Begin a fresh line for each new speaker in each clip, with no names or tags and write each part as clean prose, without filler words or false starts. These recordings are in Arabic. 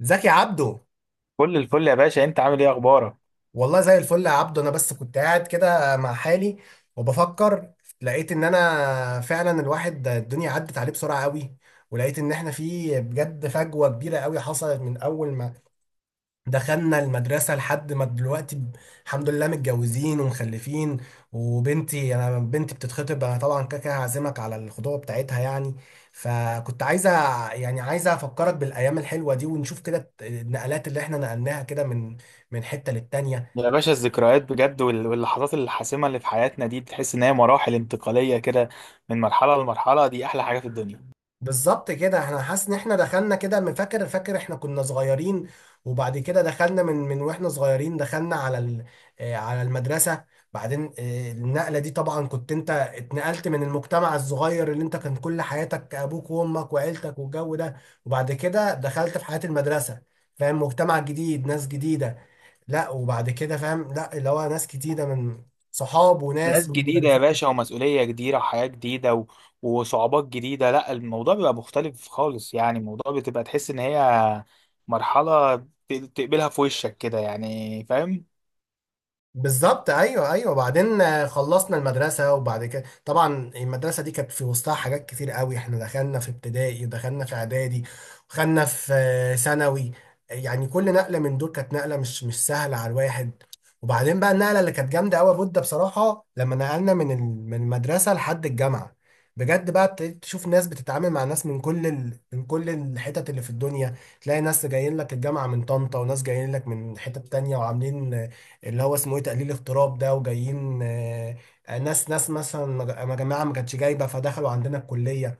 زكي عبده.
كل الفل يا باشا، انت عامل ايه؟ اخبارك؟
والله زي الفل يا عبده، انا بس كنت قاعد كده مع حالي وبفكر. لقيت ان انا فعلا الواحد الدنيا عدت عليه بسرعه قوي، ولقيت ان احنا في بجد فجوه كبيره قوي حصلت من اول ما دخلنا المدرسة لحد ما دلوقتي الحمد لله متجوزين ومخلفين، وبنتي أنا بنتي بتتخطب. أنا طبعا كده كده هعزمك على الخطوبة بتاعتها يعني، فكنت عايزة يعني عايزة أفكرك بالأيام الحلوة دي ونشوف كده النقلات اللي إحنا نقلناها كده من حتة للتانية.
يا باشا الذكريات بجد واللحظات الحاسمه اللي في حياتنا دي تحس ان هي مراحل انتقاليه كده، من مرحله لمرحله، دي احلى حاجه في الدنيا.
بالظبط كده. احنا حاسس ان احنا دخلنا كده من فاكر احنا كنا صغيرين، وبعد كده دخلنا من واحنا صغيرين دخلنا على على المدرسة. بعدين النقلة دي طبعا كنت انت اتنقلت من المجتمع الصغير اللي انت كان كل حياتك ابوك وامك وعيلتك والجو ده، وبعد كده دخلت في حياة المدرسة، فاهم؟ مجتمع جديد، ناس جديدة. لا، وبعد كده فاهم؟ لا، اللي هو ناس جديدة من صحاب
ناس
وناس
جديده يا
ومدرسين.
باشا ومسؤوليه جديده وحياه جديده وصعوبات جديده. لا الموضوع بيبقى مختلف خالص، يعني الموضوع بتبقى تحس ان هي مرحله تقبلها في وشك كده، يعني فاهم.
بالظبط، ايوه ايوه. بعدين خلصنا المدرسه، وبعد كده طبعا المدرسه دي كانت في وسطها حاجات كتير قوي. احنا دخلنا في ابتدائي، ودخلنا في اعدادي، ودخلنا في ثانوي. يعني كل نقله من دول كانت نقله مش سهله على الواحد. وبعدين بقى النقله اللي كانت جامده قوي بود بصراحه لما نقلنا من المدرسه لحد الجامعه. بجد بقى ابتديت تشوف ناس بتتعامل مع ناس من كل من كل الحتت اللي في الدنيا. تلاقي ناس جايين لك الجامعه من طنطا، وناس جايين لك من حتت تانية وعاملين اللي هو اسمه ايه تقليل اضطراب ده، وجايين ناس مثلا جماعه ما كانتش جايبه فدخلوا عندنا الكليه.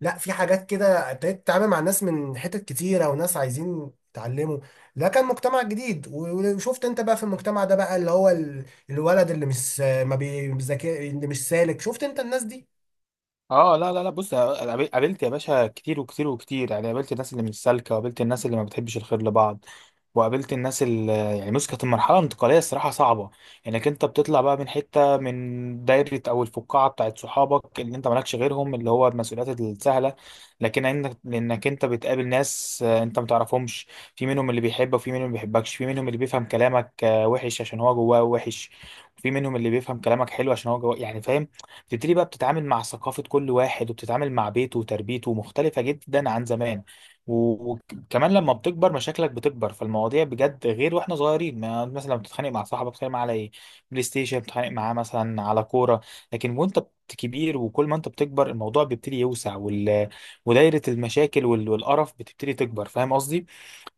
لا، في حاجات كده ابتديت تتعامل مع ناس من حتت كتيره وناس عايزين يتعلموا. ده كان مجتمع جديد، وشفت انت بقى في المجتمع ده بقى اللي هو الولد اللي مش ما بيذاكر، اللي مش سالك. شفت انت الناس دي؟
اه لا لا لا، بص قابلت يا باشا كتير وكتير وكتير، يعني قابلت الناس اللي مش سالكه، وقابلت الناس اللي ما بتحبش الخير لبعض، وقابلت الناس اللي يعني بص، كانت المرحله الانتقاليه الصراحه صعبه، انك انت بتطلع بقى من حته، من دايره او الفقاعه بتاعت صحابك اللي انت مالكش غيرهم، اللي هو المسؤوليات السهله، لكن لانك انت بتقابل ناس انت ما تعرفهمش. في منهم اللي بيحبك، وفي منهم اللي ما بيحبكش، في منهم اللي بيفهم كلامك وحش عشان هو جواه وحش، وفي منهم اللي بيفهم كلامك حلو عشان هو جواه، يعني فاهم. بتبتدي بقى بتتعامل مع ثقافة كل واحد، وبتتعامل مع بيته وتربيته مختلفة جدا عن زمان. وكمان لما بتكبر مشاكلك بتكبر، فالمواضيع بجد غير واحنا صغيرين. ما مثلا لما بتتخانق مع صاحبك بتتخانق معاه على ايه؟ بلاي ستيشن، بتتخانق معاه مثلا على كورة. لكن كبير، وكل ما انت بتكبر الموضوع بيبتدي يوسع ودايرة المشاكل والقرف بتبتدي تكبر، فاهم قصدي؟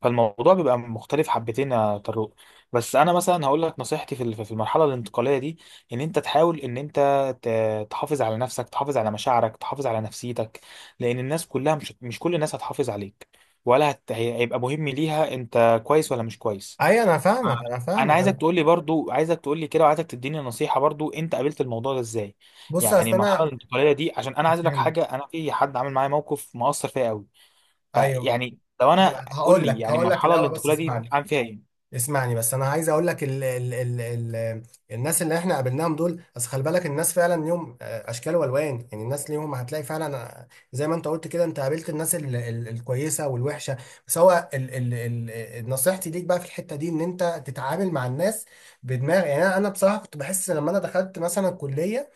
فالموضوع بيبقى مختلف حبتين يا طارق. بس انا مثلا هقول لك نصيحتي في المرحله الانتقاليه دي، ان انت تحاول ان انت تحافظ على نفسك، تحافظ على مشاعرك، تحافظ على نفسيتك، لان الناس كلها مش كل الناس هتحافظ عليك، ولا هيبقى مهم ليها انت كويس ولا مش كويس.
ايوه، انا
ف-
فاهمك انا
انا
فاهمك
عايزك
انا.
تقول لي برضو، عايزك تقول لي كده، وعايزك تديني نصيحة برضو، انت قابلت الموضوع ده ازاي؟
بص
يعني
اصل
المرحلة
انا
الانتقالية دي، عشان انا عايز اقول لك
هفهمك.
حاجة، انا في حد عامل معايا موقف مؤثر فيا قوي.
ايوه
فيعني لو
أنا
انا، قول
هقول
لي
لك
يعني
هقول لك
المرحلة
الاول بس
الانتقالية دي
اسمعني،
عامل فيها ايه؟
اسمعني بس. انا عايز اقول لك ال ال ال ال الناس اللي احنا قابلناهم دول، بس خلي بالك الناس فعلا ليهم اشكال والوان. يعني الناس ليهم هتلاقي فعلا زي ما انت قلت كده، انت قابلت الناس ال ال الكويسه والوحشه. بس هو ال ال ال نصيحتي ليك بقى في الحته دي ان انت تتعامل مع الناس بدماغ. يعني أنا بصراحه كنت بحس لما انا دخلت مثلا الكليه،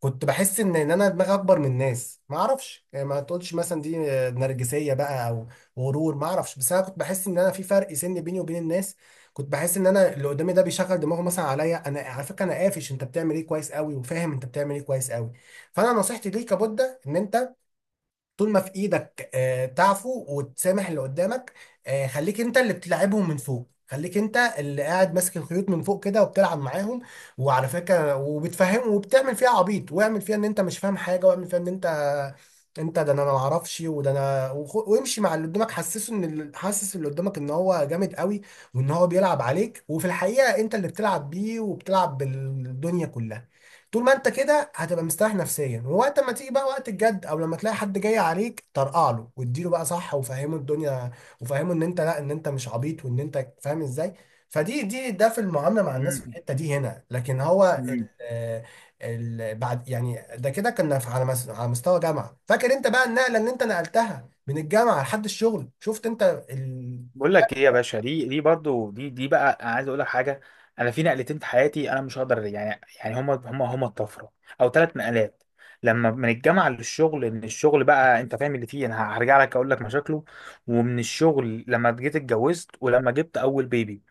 كنت بحس ان انا دماغي اكبر من الناس، ما اعرفش. يعني ما تقولش مثلا دي نرجسيه بقى او غرور، ما اعرفش. بس انا كنت بحس ان انا في فرق سن بيني وبين الناس، كنت بحس ان انا اللي قدامي ده بيشغل دماغه مثلا عليا انا، على فكره انا قافش انت بتعمل ايه كويس قوي، وفاهم انت بتعمل ايه كويس قوي. فانا نصيحتي ليك يا بودة ان انت طول ما في ايدك تعفو وتسامح اللي قدامك. خليك انت اللي بتلعبهم من فوق، خليك انت اللي قاعد ماسك الخيوط من فوق كده وبتلعب معاهم. وعلى فكره، وبتفهم، وبتعمل فيها عبيط، واعمل فيها ان انت مش فاهم حاجه، واعمل فيها ان انت انت ده انا ما اعرفش وده انا، وامشي مع اللي قدامك. حسسه ان حسس اللي قدامك ان هو جامد قوي وان هو بيلعب عليك، وفي الحقيقه انت اللي بتلعب بيه وبتلعب بالدنيا كلها. طول ما انت كده هتبقى مستريح نفسيا، ووقت ما تيجي بقى وقت الجد او لما تلاقي حد جاي عليك، طرقع له واديله بقى صح، وفهمه الدنيا، وفهمه ان انت لا، ان انت مش عبيط وان انت فاهم ازاي. فدي ده في المعامله مع الناس في الحته دي هنا. لكن هو
مم.
ال ال بعد يعني ده، كده كنا على مستوى جامعه. فاكر انت بقى النقله اللي انت نقلتها من الجامعه لحد الشغل؟ شفت انت ال...
بقول لك ايه يا باشا، دي برضو دي بقى انا عايز اقول لك حاجه. انا في نقلتين في حياتي، انا مش هقدر يعني يعني هما الطفره، او ثلاث نقلات. لما من الجامعه للشغل، ان الشغل بقى انت فاهم اللي فيه، انا هرجع لك اقول لك مشاكله، ومن الشغل لما جيت اتجوزت، ولما جبت اول بيبي.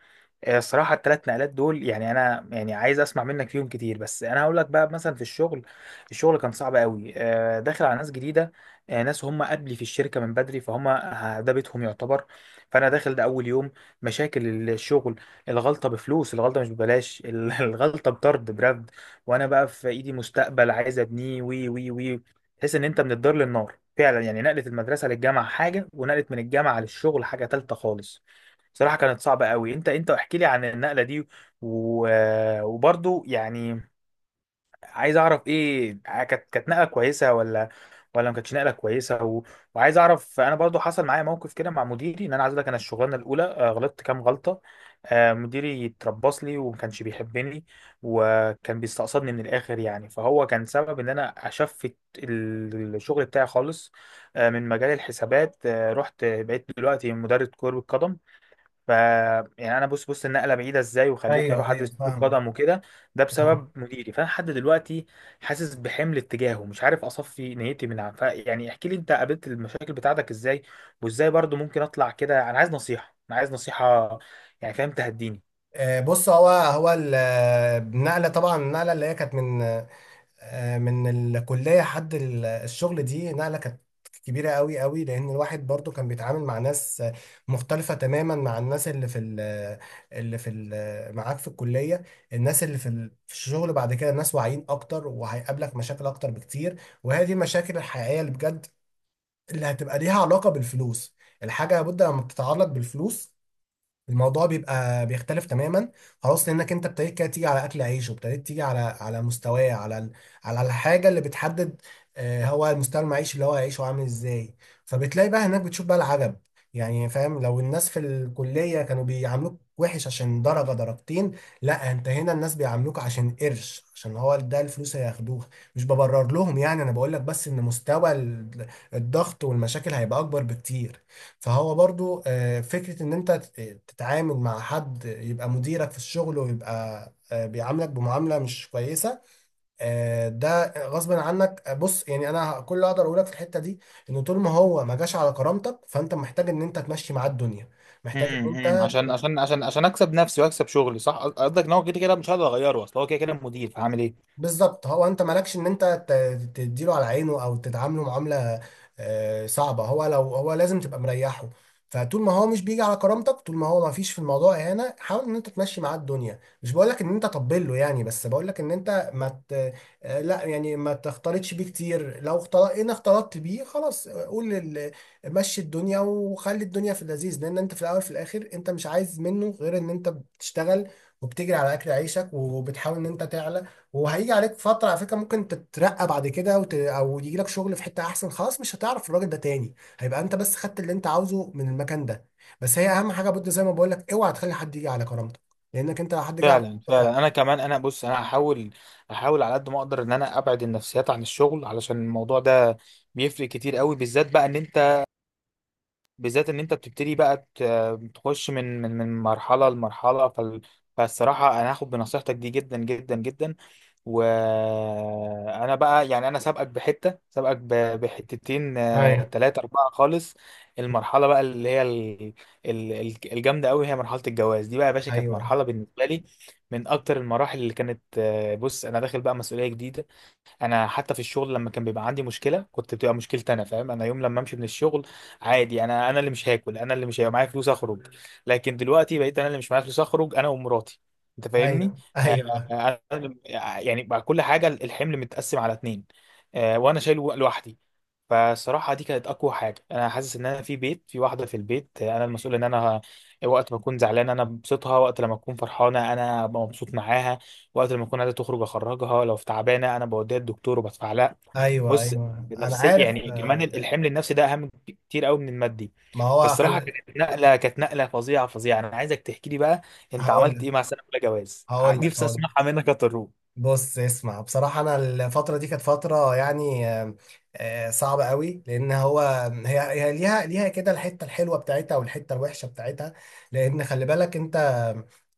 الصراحة التلات نقلات دول يعني، أنا يعني عايز أسمع منك فيهم كتير، بس أنا هقول لك بقى مثلا في الشغل. الشغل كان صعب قوي، داخل على ناس جديدة، ناس هم قبلي في الشركة من بدري، فهم ده بيتهم يعتبر. فأنا داخل ده أول يوم. مشاكل الشغل، الغلطة بفلوس، الغلطة مش ببلاش، الغلطة بطرد برفد. وأنا بقى في إيدي مستقبل عايز أبنيه وي وي وي تحس إن أنت من الدار للنار فعلا، يعني نقلة المدرسة للجامعة حاجة، ونقلة من الجامعة للشغل حاجة تالتة خالص. بصراحة كانت صعبة قوي. انت احكي لي عن النقلة دي و... وبرضو يعني عايز اعرف، ايه كانت نقلة كويسة ولا، ولا ما كانتش نقلة كويسة وعايز اعرف. انا برضو حصل معايا موقف كده مع مديري، ان انا عايز اقول لك، انا الشغلانة الاولى غلطت كام غلطة. مديري اتربص لي وما كانش بيحبني، وكان بيستقصدني من الاخر يعني، فهو كان سبب ان انا اشفت الشغل بتاعي خالص. من مجال الحسابات، رحت بقيت دلوقتي مدرب كرة قدم. ف يعني انا بص بص النقله بعيده ازاي، وخلتني
ايوه
اروح
ايوه،
ادرس كره
فاهمك.
قدم وكده. ده
فاهمك.
بسبب مديري، فانا لحد دلوقتي حاسس بحمل اتجاهه، مش عارف اصفي نيتي من. ف يعني احكي لي، انت قابلت المشاكل بتاعتك ازاي، وازاي برضو ممكن اطلع كده. انا عايز نصيحه، انا عايز نصيحه، يعني فاهم تهديني.
بص، هو هو النقله، طبعا النقله اللي هي كانت من من الكلية حد الشغل، دي نقلة كانت كبيرة قوي قوي، لأن الواحد برضو كان بيتعامل مع ناس مختلفة تماما مع الناس اللي في ال اللي في ال معاك في الكلية. الناس اللي في في الشغل بعد كده ناس واعيين أكتر، وهيقابلك مشاكل أكتر بكتير، وهي دي المشاكل الحقيقية اللي بجد اللي هتبقى ليها علاقة بالفلوس. الحاجة لابد لما بتتعلق بالفلوس الموضوع بيبقى بيختلف تماما. خلاص، لانك انت ابتديت كده تيجي على اكل عيش، وابتديت تيجي على مستواه، على على الحاجه اللي بتحدد هو المستوى المعيشي اللي هو هيعيشه عامل ازاي. فبتلاقي بقى هناك بتشوف بقى العجب. يعني فاهم، لو الناس في الكليه كانوا بيعاملوك وحش عشان درجه، لا انت هنا الناس بيعاملوك عشان قرش، عشان هو ده الفلوس اللي هياخدوها. مش ببرر لهم، يعني انا بقول لك بس ان مستوى الضغط والمشاكل هيبقى اكبر بكتير. فهو برضو فكرة ان انت تتعامل مع حد يبقى مديرك في الشغل ويبقى بيعاملك بمعاملة مش كويسة ده غصبا عنك. بص، يعني انا كل اللي اقدر اقولك في الحتة دي ان طول ما هو ما جاش على كرامتك فانت محتاج ان انت تمشي معاه الدنيا، محتاج ان
أمم.
انت
عشان عشان عشان عشان اكسب نفسي واكسب شغلي، صح قصدك ان هو كده كده مش هقدر اغيره، اصل هو كده كده المدير، فهعمل ايه؟
بالظبط. هو انت مالكش ان انت تديله على عينه او تتعامله معامله صعبه، هو لو هو لازم تبقى مريحه. فطول ما هو مش بيجي على كرامتك، طول ما هو ما فيش في الموضوع اهانه، حاول ان انت تمشي معاه الدنيا. مش بقول لك ان انت طبل له يعني، بس بقول لك ان انت ما ت... لا يعني ما تختلطش بيه كتير. لو اختلط ان اختلطت بيه خلاص مشي الدنيا وخلي الدنيا في اللذيذ، لان انت في الاول في الاخر انت مش عايز منه غير ان انت بتشتغل وبتجري على اكل عيشك، وبتحاول ان انت تعلى. وهيجي عليك فترة على فكرة ممكن تترقى بعد كده او يجي لك شغل في حتة احسن، خلاص مش هتعرف الراجل ده تاني، هيبقى انت بس خدت اللي انت عاوزه من المكان ده. بس هي اهم حاجة بود زي ما بقول لك، اوعى تخلي حد يجي على كرامتك، لانك انت لو حد جه على
فعلا فعلا.
كرامتك.
انا كمان، انا بص، انا هحاول على قد ما اقدر ان انا ابعد النفسيات عن الشغل، علشان الموضوع ده بيفرق كتير قوي، بالذات بقى ان انت، بالذات ان انت بتبتدي بقى تخش من مرحله لمرحله. فالصراحه انا هاخد بنصيحتك دي جدا جدا جدا. وانا بقى يعني انا سابقك بحته، سابقك بحتتين
ه- ايوه
تلاتة اربعة خالص. المرحله بقى اللي هي الجامده قوي، هي مرحله الجواز دي بقى يا باشا. كانت
ايوه
مرحله بالنسبه لي من اكتر المراحل اللي كانت، بص انا داخل بقى مسؤوليه جديده. انا حتى في الشغل لما كان بيبقى عندي مشكله كنت بتبقى مشكلتي انا، فاهم؟ انا يوم لما امشي من الشغل عادي، انا اللي مش هاكل، انا اللي مش هيبقى معايا فلوس اخرج. لكن دلوقتي بقيت انا اللي مش معايا فلوس اخرج انا ومراتي، انت فاهمني؟
ايوه
آه،
ايوه
آه، أنا- يعني بقى كل حاجه الحمل متقسم على اتنين، وانا شايله لوحدي. فصراحة دي كانت أقوى حاجة، أنا حاسس إن أنا في بيت، في واحدة في البيت أنا المسؤول، إن أنا وقت ما أكون زعلان أنا ببسطها، وقت لما أكون فرحانة أنا أبقى مبسوط معاها، وقت لما أكون عايزة تخرج أخرجها، لو في تعبانة أنا بوديها الدكتور وبدفع لها.
ايوه
بص،
ايوه انا
نفسي
عارف.
يعني، كمان الحمل النفسي ده أهم كتير قوي من المادي.
ما هو
فالصراحة كانت نقلة، كانت نقلة فظيعة فظيعة. أنا عايزك تحكي لي بقى أنت
هقول
عملت
لك
إيه مع سنة أولى جواز،
هقول لك
نفسي
هقول لك
أسمعها منك يا طروق.
بص اسمع، بصراحة أنا الفترة دي كانت فترة يعني صعبة قوي، لأن هو هي هي ليها ليها كده الحتة الحلوة بتاعتها والحتة الوحشة بتاعتها. لأن خلي بالك أنت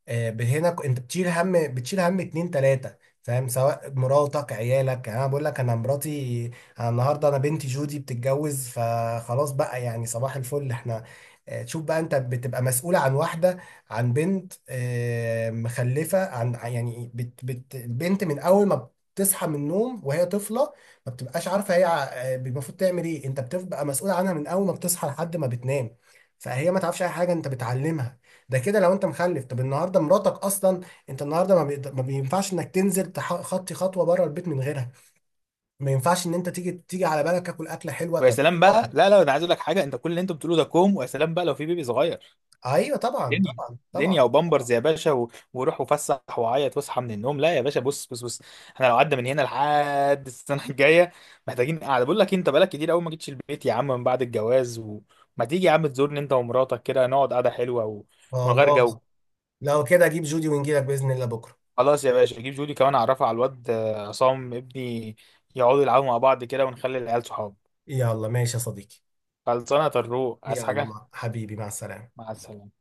هنا أنت بتشيل هم، بتشيل هم اتنين تلاتة، فاهم؟ سواء مراتك، عيالك. يعني أنا بقول لك، أنا مراتي، أنا النهاردة أنا بنتي جودي بتتجوز، فخلاص بقى يعني صباح الفل إحنا. تشوف بقى، أنت بتبقى مسؤول عن واحدة، عن بنت مخلفة عن يعني بت البنت من أول ما بتصحى من النوم وهي طفلة ما بتبقاش عارفة هي المفروض تعمل إيه. أنت بتبقى مسؤول عنها من أول ما بتصحى لحد ما بتنام، فهي ما تعرفش أي حاجة أنت بتعلمها. ده كده لو أنت مخلف. طب النهاردة مراتك أصلا، أنت النهاردة ما, ما بينفعش إنك تنزل خطي خطوة بره البيت من غيرها. ما ينفعش إن أنت تيجي على بالك تاكل أكلة حلوة.
ويا
طب
سلام بقى،
مراتك.
لا لا أنا عايز أقول لك حاجة، أنت كل اللي أنت بتقوله ده كوم، ويا سلام بقى لو في بيبي صغير.
أيوه، طبعا
دنيا،
طبعا
دنيا
طبعا
وبامبرز يا باشا وروح وفسح وعيط واصحى من النوم. لا يا باشا، بص بص بص، احنا لو قعدنا من هنا لحد السنه الجايه، محتاجين قاعده. بقول لك إيه، انت بقالك كتير قوي ما جيتش البيت يا عم من بعد الجواز، وما تيجي يا عم تزورني انت ومراتك كده، نقعد قعده حلوه ومن غير
خلاص،
جو.
لو كده أجيب جودي ونجيلك بإذن الله بكرة.
خلاص يا باشا جيب جودي كمان، اعرفها على الواد عصام ابني، يقعدوا يلعبوا مع بعض كده، ونخلي العيال صحاب.
يلا ماشي يا صديقي.
خلصانه يا طروق، عايز
يلا
حاجه؟
مع حبيبي، مع السلامة.
مع السلامه.